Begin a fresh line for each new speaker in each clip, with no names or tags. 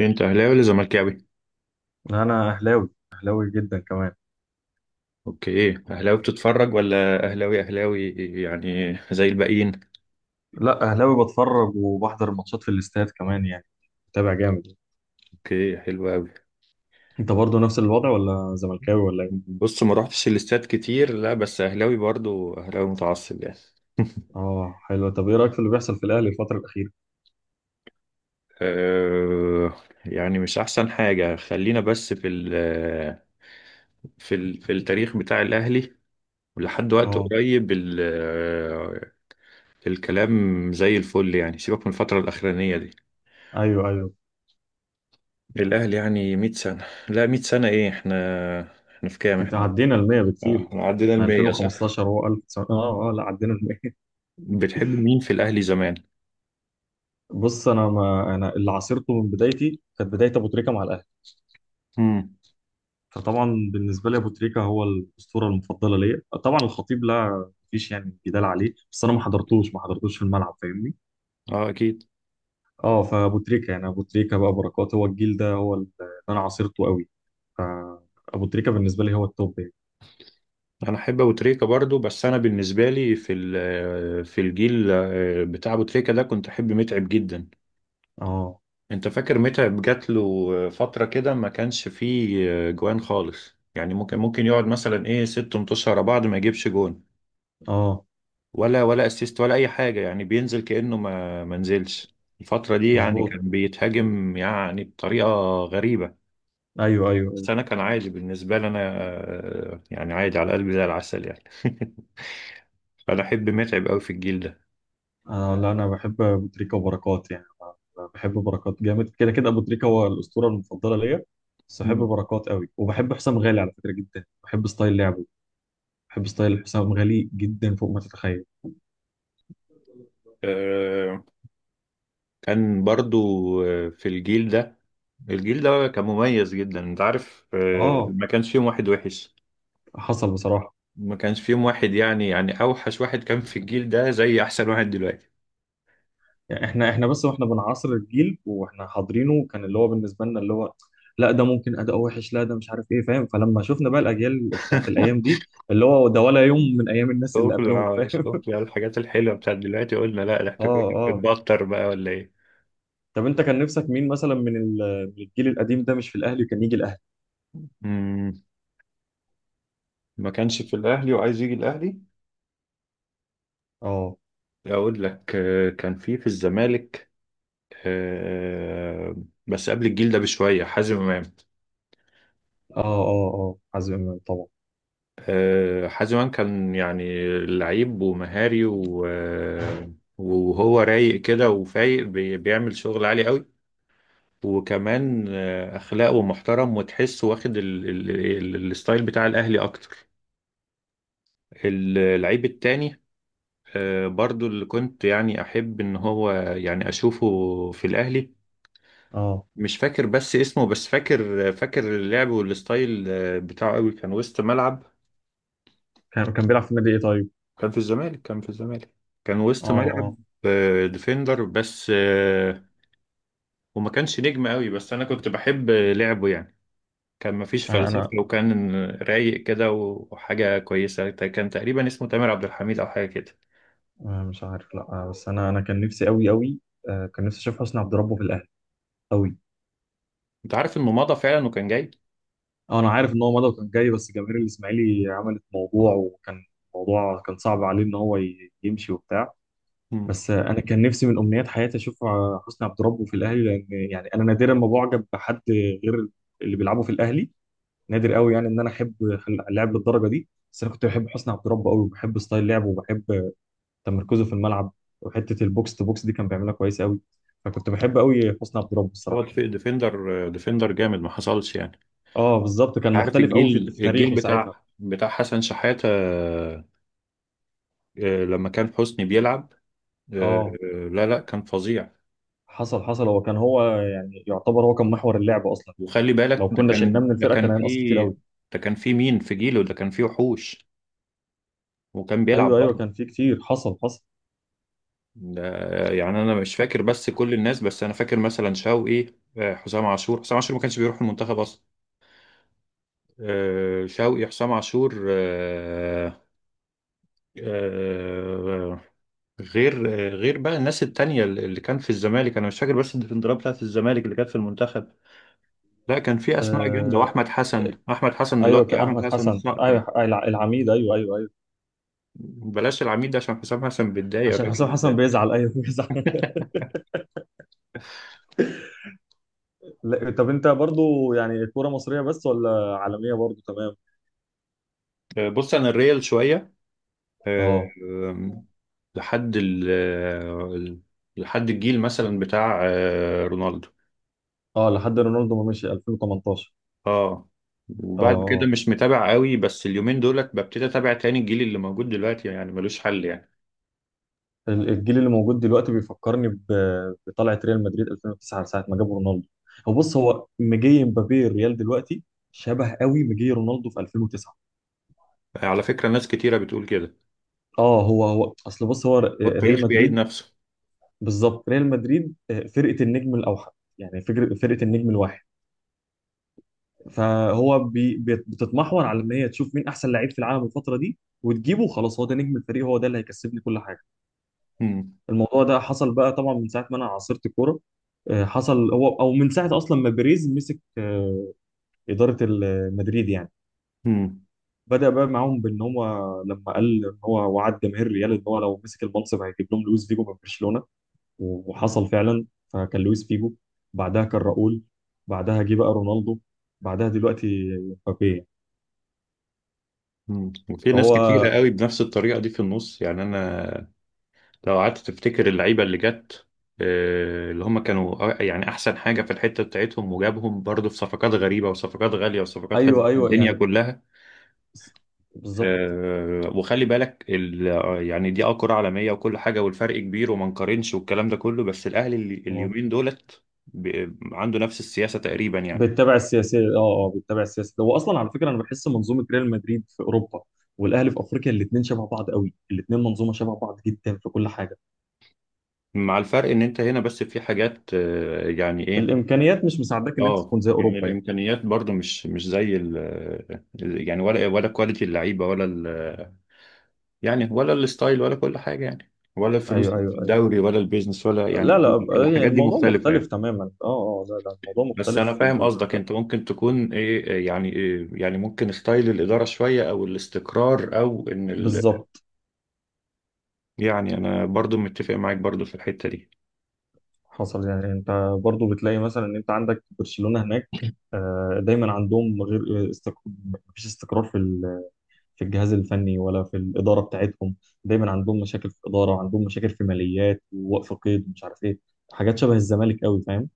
انت اهلاوي ولا زملكاوي؟
انا اهلاوي اهلاوي جدا كمان.
اوكي، اهلاوي بتتفرج ولا اهلاوي اهلاوي يعني زي الباقيين؟
لا، اهلاوي بتفرج وبحضر الماتشات في الاستاد كمان يعني. متابع جامد.
اوكي، حلو قوي.
انت برضو نفس الوضع ولا زملكاوي ولا ايه؟
بص، ما روحتش الاستاد كتير، لا بس اهلاوي برضو، اهلاوي متعصب يعني.
اه حلو. طب ايه رايك في اللي بيحصل في الاهلي الفتره الاخيره؟
أه. يعني مش احسن حاجة، خلينا بس في التاريخ بتاع الاهلي، ولحد وقت
اه،
قريب الكلام زي الفل، يعني سيبك من الفترة الأخرانية دي.
ايوه ايوه،
الأهلي يعني 100 سنة، لا 100 سنة إيه؟ إحنا في كام
كده
إحنا؟
عدينا ال 100 بكتير.
احنا عدينا
احنا
المية، صح.
2015 هو 1000، لا، عدينا ال 100.
بتحب مين في الاهلي زمان؟
بص، انا ما انا اللي عاصرته من بدايتي كانت بدايه ابو تريكه مع الاهلي.
امم.
فطبعا بالنسبه لي ابو تريكه هو الاسطوره المفضله ليا. طبعا الخطيب، لا مفيش يعني جدال عليه، بس انا ما حضرتوش في الملعب فاهمني.
اه، اكيد.
اه، فابو تريكه يعني، ابو تريكه بقى، بركات، هو الجيل ده هو اللي انا عاصرته قوي. فابو تريكه بالنسبه لي هو التوب يعني.
انا احب ابو تريكة برضو، بس انا بالنسبه لي في الجيل بتاع ابو تريكة ده كنت احب متعب جدا.
اه،
انت فاكر متعب جات له فتره كده ما كانش فيه جوان خالص، يعني ممكن يقعد مثلا ايه ست ماتشات ورا بعض ما يجيبش جون
اه،
ولا اسيست ولا اي حاجه، يعني بينزل كانه ما نزلش الفتره دي، يعني
مظبوط.
كان بيتهاجم يعني بطريقه غريبه.
ايوه ايوه ايوه.
بس انا كان عادي بالنسبه لي، انا يعني عادي على قلبي زي العسل يعني. فانا احب متعب قوي في الجيل ده.
آه لا، انا بحب ابو تريكه وبركات يعني. أنا بحب بركات جامد كده كده، ابو تريكه هو الاسطوره المفضله ليا، بس بحب
مم.
بركات قوي، وبحب حسام غالي على فكره، جدا بحب ستايل لعبه. بحب ستايل حسام غالي جدا فوق ما تتخيل.
آه، كان برضو في الجيل ده، الجيل ده كان مميز جدا، انت عارف،
اه،
ما كانش فيهم واحد وحش.
حصل بصراحه.
ما كانش فيهم واحد يعني اوحش واحد كان في الجيل ده زي احسن واحد دلوقتي.
يعني احنا بس واحنا بنعاصر الجيل واحنا حاضرينه كان اللي هو بالنسبه لنا اللي هو، لا ده ممكن اداء وحش، لا ده مش عارف ايه فاهم. فلما شفنا بقى الاجيال بتاعت الايام دي اللي هو ده ولا يوم من ايام الناس اللي
شوف،
قبلهم فاهم.
شوف بقى الحاجات الحلوه بتاعت دلوقتي، قلنا لا ده احنا
اه،
كنا
اه.
بنتبطر بقى ولا ايه.
طب انت كان نفسك مين مثلا من الجيل القديم ده، مش في الاهلي كان يجي الاهلي؟
مم. ما كانش في الاهلي وعايز يجي الاهلي.
اه
أقول لك كان في الزمالك، آه، بس قبل الجيل ده بشوية، حازم إمام.
اه اه اه، حازم امام طبعا.
حازم إمام كان يعني لعيب ومهاري وهو رايق كده وفايق، بيعمل شغل عالي قوي. وكمان أخلاقه محترم، وتحسه واخد الستايل بتاع الأهلي أكتر. اللعيب التاني برضو اللي كنت يعني أحب إن هو يعني أشوفه في الأهلي.
اه،
مش فاكر بس اسمه، بس فاكر اللعب والستايل بتاعه قوي، كان وسط ملعب.
كان بيلعب في النادي ايه طيب؟
كان في الزمالك، كان في الزمالك، كان
اه
وسط ملعب.
اه،
ديفندر بس، وما كانش نجم قوي، بس انا كنت بحب لعبه يعني. كان مفيش
انا
فلسفة،
انا
وكان رايق كده وحاجة كويسة، كان تقريبا اسمه تامر عبد الحميد او حاجة كده.
مش عارف. لا، بس انا كان نفسي قوي قوي. كان نفسي اشوف حسني عبد ربه في الاهلي قوي.
انت عارف انه مضى فعلا وكان جاي.
اه، انا عارف ان هو مضى وكان جاي، بس جماهير الاسماعيلي عملت موضوع، وكان موضوع كان صعب عليه ان هو يمشي وبتاع.
مم.
بس انا كان نفسي من امنيات حياتي اشوف حسني عبد ربه في الاهلي، لان يعني انا نادرا ما بعجب بحد غير اللي بيلعبوا في الاهلي. نادر قوي يعني ان انا احب اللاعب للدرجه دي، بس انا كنت بحب حسني عبد ربه قوي، وبحب ستايل لعبه، وبحب تمركزه في الملعب. وحته البوكس تو بوكس دي كان بيعملها كويس قوي. فكنت بحب قوي حسني عبد ربه
هو
الصراحه.
ديفندر جامد ما حصلش يعني.
اه بالظبط، كان
عارف
مختلف قوي في
الجيل
في
الجيل
تاريخه ساعتها.
بتاع حسن شحاتة، لما كان حسني بيلعب، آه،
اه،
لا، لا، كان فظيع.
حصل حصل، هو كان هو يعني يعتبر هو كان محور اللعب اصلا.
وخلي بالك
لو كنا شلناه من الفرقه كان هينقص كتير قوي.
ده كان في مين، في جيله ده كان في وحوش وكان بيلعب
ايوه ايوه،
برضه.
كان في كتير، حصل حصل.
يعني انا مش فاكر بس كل الناس، بس انا فاكر مثلا شوقي، حسام عاشور، حسام عاشور ما كانش بيروح المنتخب اصلا، شوقي، حسام عاشور، آه، غير بقى الناس التانية اللي كان في الزمالك. انا مش فاكر بس الديفندرات بتاعت الزمالك اللي كانت في المنتخب. لا، كان في اسماء جامده،
آه
واحمد حسن،
ك-
احمد حسن اللي
ايوه
هو
كان
احمد
احمد
حسن
حسن،
الصقر يعني.
ايوه العميد، ايوه ايوه ايوه.
بلاش العميد ده عشان حسام حسن بيتضايق
عشان حسام
الراجل
حسن
ده.
بيزعل، ايوه بيزعل. لا، طب انت برضو يعني كوره مصريه بس ولا عالميه برضو تمام؟
بص انا الريال شويه، آه،
اه
آم، لحد ال ال- لحد الجيل مثلا بتاع رونالدو.
اه، لحد رونالدو ما مشي 2018.
اه، وبعد كده
اه،
مش متابع قوي، بس اليومين دولت ببتدي اتابع تاني. الجيل اللي موجود دلوقتي يعني ملوش حل يعني.
الجيل اللي موجود دلوقتي بيفكرني بطلعه ريال مدريد 2009 ساعه ما جابوا رونالدو. هو بص هو مجي مبابي الريال دلوقتي شبه قوي مجي رونالدو في 2009.
على فكره ناس كتيره بتقول كده،
اه، هو اصل بص هو
هو
ريال
التاريخ بيعيد
مدريد،
نفسه.
بالظبط ريال مدريد، فرقه النجم الاوحد. يعني فكرة فرقه النجم الواحد. فهو بتتمحور على ان هي تشوف مين احسن لعيب في العالم الفتره دي وتجيبه، خلاص هو ده نجم الفريق، هو ده اللي هيكسبني كل حاجه.
مم.
الموضوع ده حصل بقى طبعا من ساعه ما انا عاصرت الكوره. حصل هو، او من ساعه اصلا ما بيريز مسك اداره مدريد يعني.
مم.
بدا بقى معاهم بان هو لما قال ان هو وعد جماهير ريال ان هو لو مسك المنصب هيجيب لهم لويس فيجو من برشلونه. وحصل فعلا، فكان لويس فيجو. بعدها كان راؤول. بعدها جه بقى رونالدو. بعدها دلوقتي مبابي يعني.
مم. وفي ناس
فهو،
كتيرة قوي بنفس الطريقة دي في النص يعني، أنا لو قعدت تفتكر اللعيبة اللي جت اللي هم كانوا، يعني أحسن حاجة في الحتة بتاعتهم، وجابهم برضه في صفقات غريبة وصفقات غالية وصفقات هزت
ايوه ايوه
الدنيا
يعني،
كلها.
بالظبط.
وخلي بالك يعني دي كرة عالمية وكل حاجة، والفرق كبير وما نقارنش والكلام ده كله. بس الأهلي اليومين دولت عنده نفس السياسة تقريبا يعني،
بتتابع السياسه اه. اه، بتتابع السياسه. هو اصلا على فكره انا بحس منظومه ريال مدريد في اوروبا والاهلي في افريقيا الاثنين شبه بعض قوي، الاثنين منظومه شبه بعض جدا في كل حاجه.
مع الفرق إن أنت هنا بس في حاجات، يعني إيه.
الامكانيات مش مساعداك ان انت
اه،
تكون زي
يعني
اوروبا يعني.
الامكانيات برضو مش زي ال، يعني ولا كواليتي اللعيبه ولا ال، يعني ولا الستايل ولا كل حاجه، يعني ولا الفلوس
ايوه
اللي
ايوه
في
ايوه.
الدوري ولا البيزنس، ولا يعني
لا
كل
لا، هي
الحاجات دي
الموضوع
مختلفه
مختلف
يعني.
تماما، اه اه، لا لا الموضوع
بس انا
مختلف
فاهم قصدك، انت ممكن تكون ايه، إيه يعني، ممكن ستايل الاداره شويه، او الاستقرار، او ان ال.
بالظبط.
يعني انا برضو متفق معاك، برضو في الحته دي.
حصل يعني انت برضو بتلاقي مثلا ان انت عندك برشلونه هناك، دايما عندهم غير استقرار. مفيش استقرار في الجهاز الفني ولا في الإدارة بتاعتهم. دايما عندهم مشاكل في الإدارة وعندهم مشاكل في ماليات ووقف قيد ومش عارف إيه، حاجات شبه الزمالك قوي فاهم.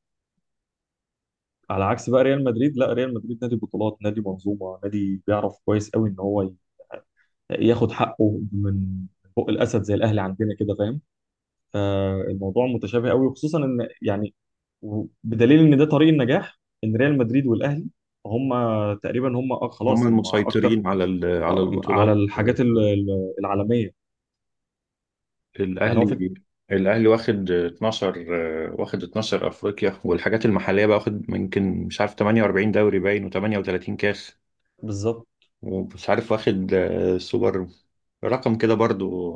على عكس بقى ريال مدريد، لا ريال مدريد نادي بطولات، نادي منظومة، نادي بيعرف كويس قوي إن هو ياخد حقه من بق الأسد زي الأهلي عندنا كده فاهم. فالموضوع متشابه قوي وخصوصا إن يعني بدليل إن ده طريق النجاح، إن ريال مدريد والأهلي هم تقريبا هم
هم
خلاص هم أكتر.
المسيطرين على
على
البطولات،
الحاجات العالمية. يعني هو في،
الاهلي الاهلي واخد 12، واخد 12 افريقيا، والحاجات المحليه بقى واخد يمكن مش عارف 48 دوري باين و38 كاس،
بالظبط.
ومش عارف واخد سوبر، رقم كده برضو.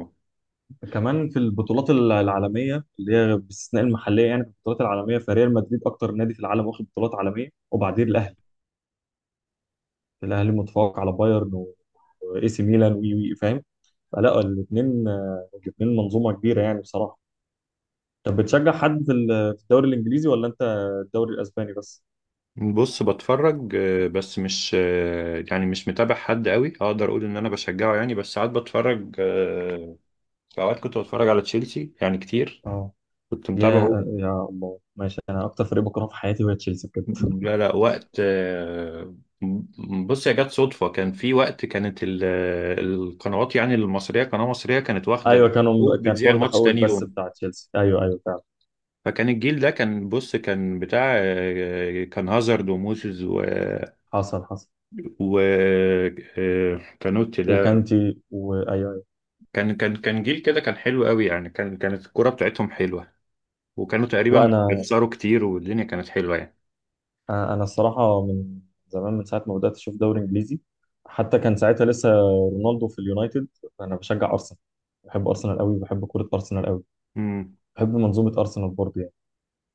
كمان في البطولات العالميه اللي هي باستثناء المحليه، يعني في البطولات العالميه فريال مدريد اكتر نادي في العالم واخد بطولات عالميه، وبعدين الاهلي، الاهلي متفوق على بايرن واي سي ميلان وي فاهم. فلا الاثنين، الاثنين منظومه كبيره يعني بصراحه. طب بتشجع حد في في الدوري الانجليزي ولا انت الدوري الاسباني بس؟
بص بتفرج بس مش، يعني مش متابع حد قوي اقدر اقول ان انا بشجعه يعني، بس ساعات بتفرج. في اوقات كنت بتفرج على تشيلسي يعني كتير،
اه.
كنت
يا
متابعه.
يا الله ماشي، انا اكتر فريق بكرهه في حياتي هو تشيلسي بجد.
لا، لا، وقت بص، يا جت صدفة، كان في وقت كانت القنوات يعني المصرية، قناة مصرية كانت واخدة
ايوه كانوا،
الحقوق
كانت
بتذيع
واخده
الماتش
حقوق
تاني
البث
يوم.
بتاع تشيلسي ايوه ايوه فعلا.
فكان الجيل ده كان بص كان بتاع كان هازارد وموسيس و
حصل حصل.
و- آه، كانوتي ده.
وكانتي وايوه.
كان جيل كده، كان حلو قوي يعني، كانت الكرة بتاعتهم حلوة، وكانوا
لا،
تقريبا
انا
بيخسروا كتير والدنيا كانت حلوة يعني.
انا الصراحه من زمان، من ساعه ما بدات اشوف دوري انجليزي حتى كان ساعتها لسه رونالدو في اليونايتد، انا بشجع ارسنال. بحب ارسنال قوي، بحب كره ارسنال قوي.
مم.
بحب منظومه ارسنال برضه يعني.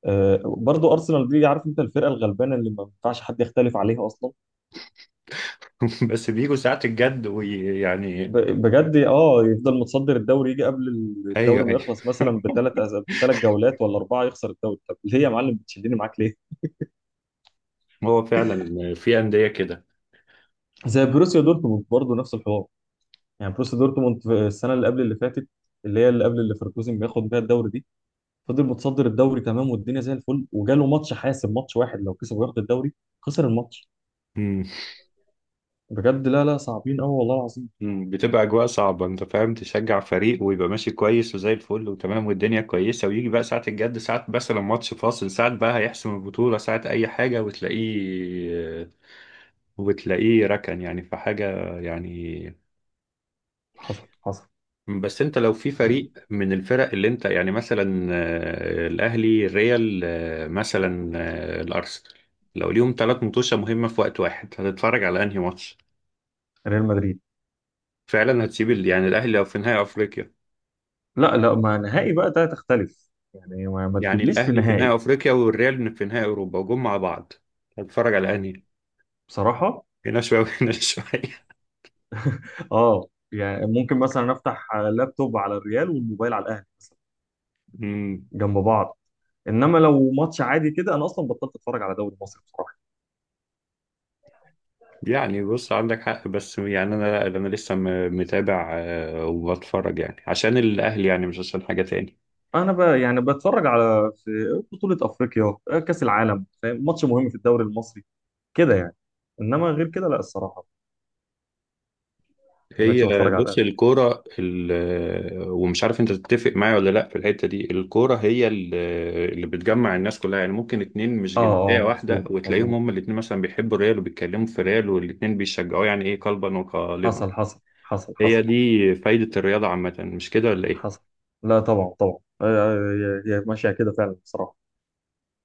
أه برضه ارسنال دي عارف انت الفرقه الغلبانه اللي ما ينفعش حد يختلف عليها اصلا.
بس بيجوا ساعة الجد ويعني،
ب- بجد اه، يفضل متصدر الدوري، يجي قبل
ايوه،
الدوري ما
ايوه.
يخلص مثلا بثلاث جولات ولا اربعه يخسر الدوري. طب ليه يا معلم بتشدني معاك ليه؟
هو فعلا في أندية كده.
زي بروسيا دورتموند برضه نفس الحوار. يعني بروسيا دورتموند في السنه اللي قبل اللي فاتت اللي هي اللي قبل اللي ليفركوزن بياخد بيها الدوري دي، فضل متصدر الدوري تمام والدنيا زي الفل، وجاله ماتش حاسم، ماتش واحد لو كسب وياخد الدوري، خسر الماتش.
مم.
بجد لا لا صعبين قوي والله العظيم.
مم. بتبقى أجواء صعبة، أنت فاهم، تشجع فريق ويبقى ماشي كويس وزي الفل وتمام والدنيا كويسة، ويجي بقى ساعة الجد، ساعة مثلا ماتش فاصل، ساعة بقى هيحسم البطولة، ساعة أي حاجة، وتلاقيه ركن يعني في حاجة يعني.
حصل حصل.
بس أنت لو في
آه،
فريق من الفرق اللي أنت يعني مثلا، الأهلي، الريال، مثلا الأرسنال، لو ليهم ثلاث مطوشة مهمة في وقت واحد هتتفرج على أنهي ماتش؟
ريال مدريد.
فعلا هتسيب يعني الاهلي في نهائي افريقيا،
لا لا، ما نهائي بقى ده تختلف يعني، ما
يعني
تجيبليش في
الاهلي في
نهائي.
نهائي افريقيا والريال في نهائي اوروبا وجم مع بعض، هتتفرج على انهي؟
بصراحه
هنا شويه وهنا شويه.
اه، يعني ممكن مثلا افتح لابتوب على الريال والموبايل على الاهلي
أمم.
جنب بعض. انما لو ماتش عادي كده انا اصلا بطلت اتفرج على دوري مصر بصراحه.
يعني بص عندك حق، بس يعني انا لا، انا لسه متابع وبتفرج يعني عشان الاهلي، يعني مش عشان حاجه تاني.
انا بقى يعني بتفرج على في بطولة افريقيا، كأس العالم فاهم، ماتش مهم في الدوري المصري كده يعني، انما غير كده لا الصراحة ما بقتش
هي
بتفرج على
بص
الاهلي.
الكورة ومش عارف انت تتفق معايا ولا لا في الحتة دي، الكورة هي اللي بتجمع الناس كلها يعني، ممكن اتنين مش
اه
جنسية
اه،
واحدة
مظبوط
وتلاقيهم
مظبوط.
هما الاتنين مثلا بيحبوا الريال وبيتكلموا في الريال والاتنين بيشجعوه يعني ايه، قلبا وقالبا.
حصل حصل حصل حصل
هي دي فايدة الرياضة عامة، مش كده ولا
حصل.
ايه؟
لا طبعا طبعا، هي هي ماشية كده فعلا الصراحة.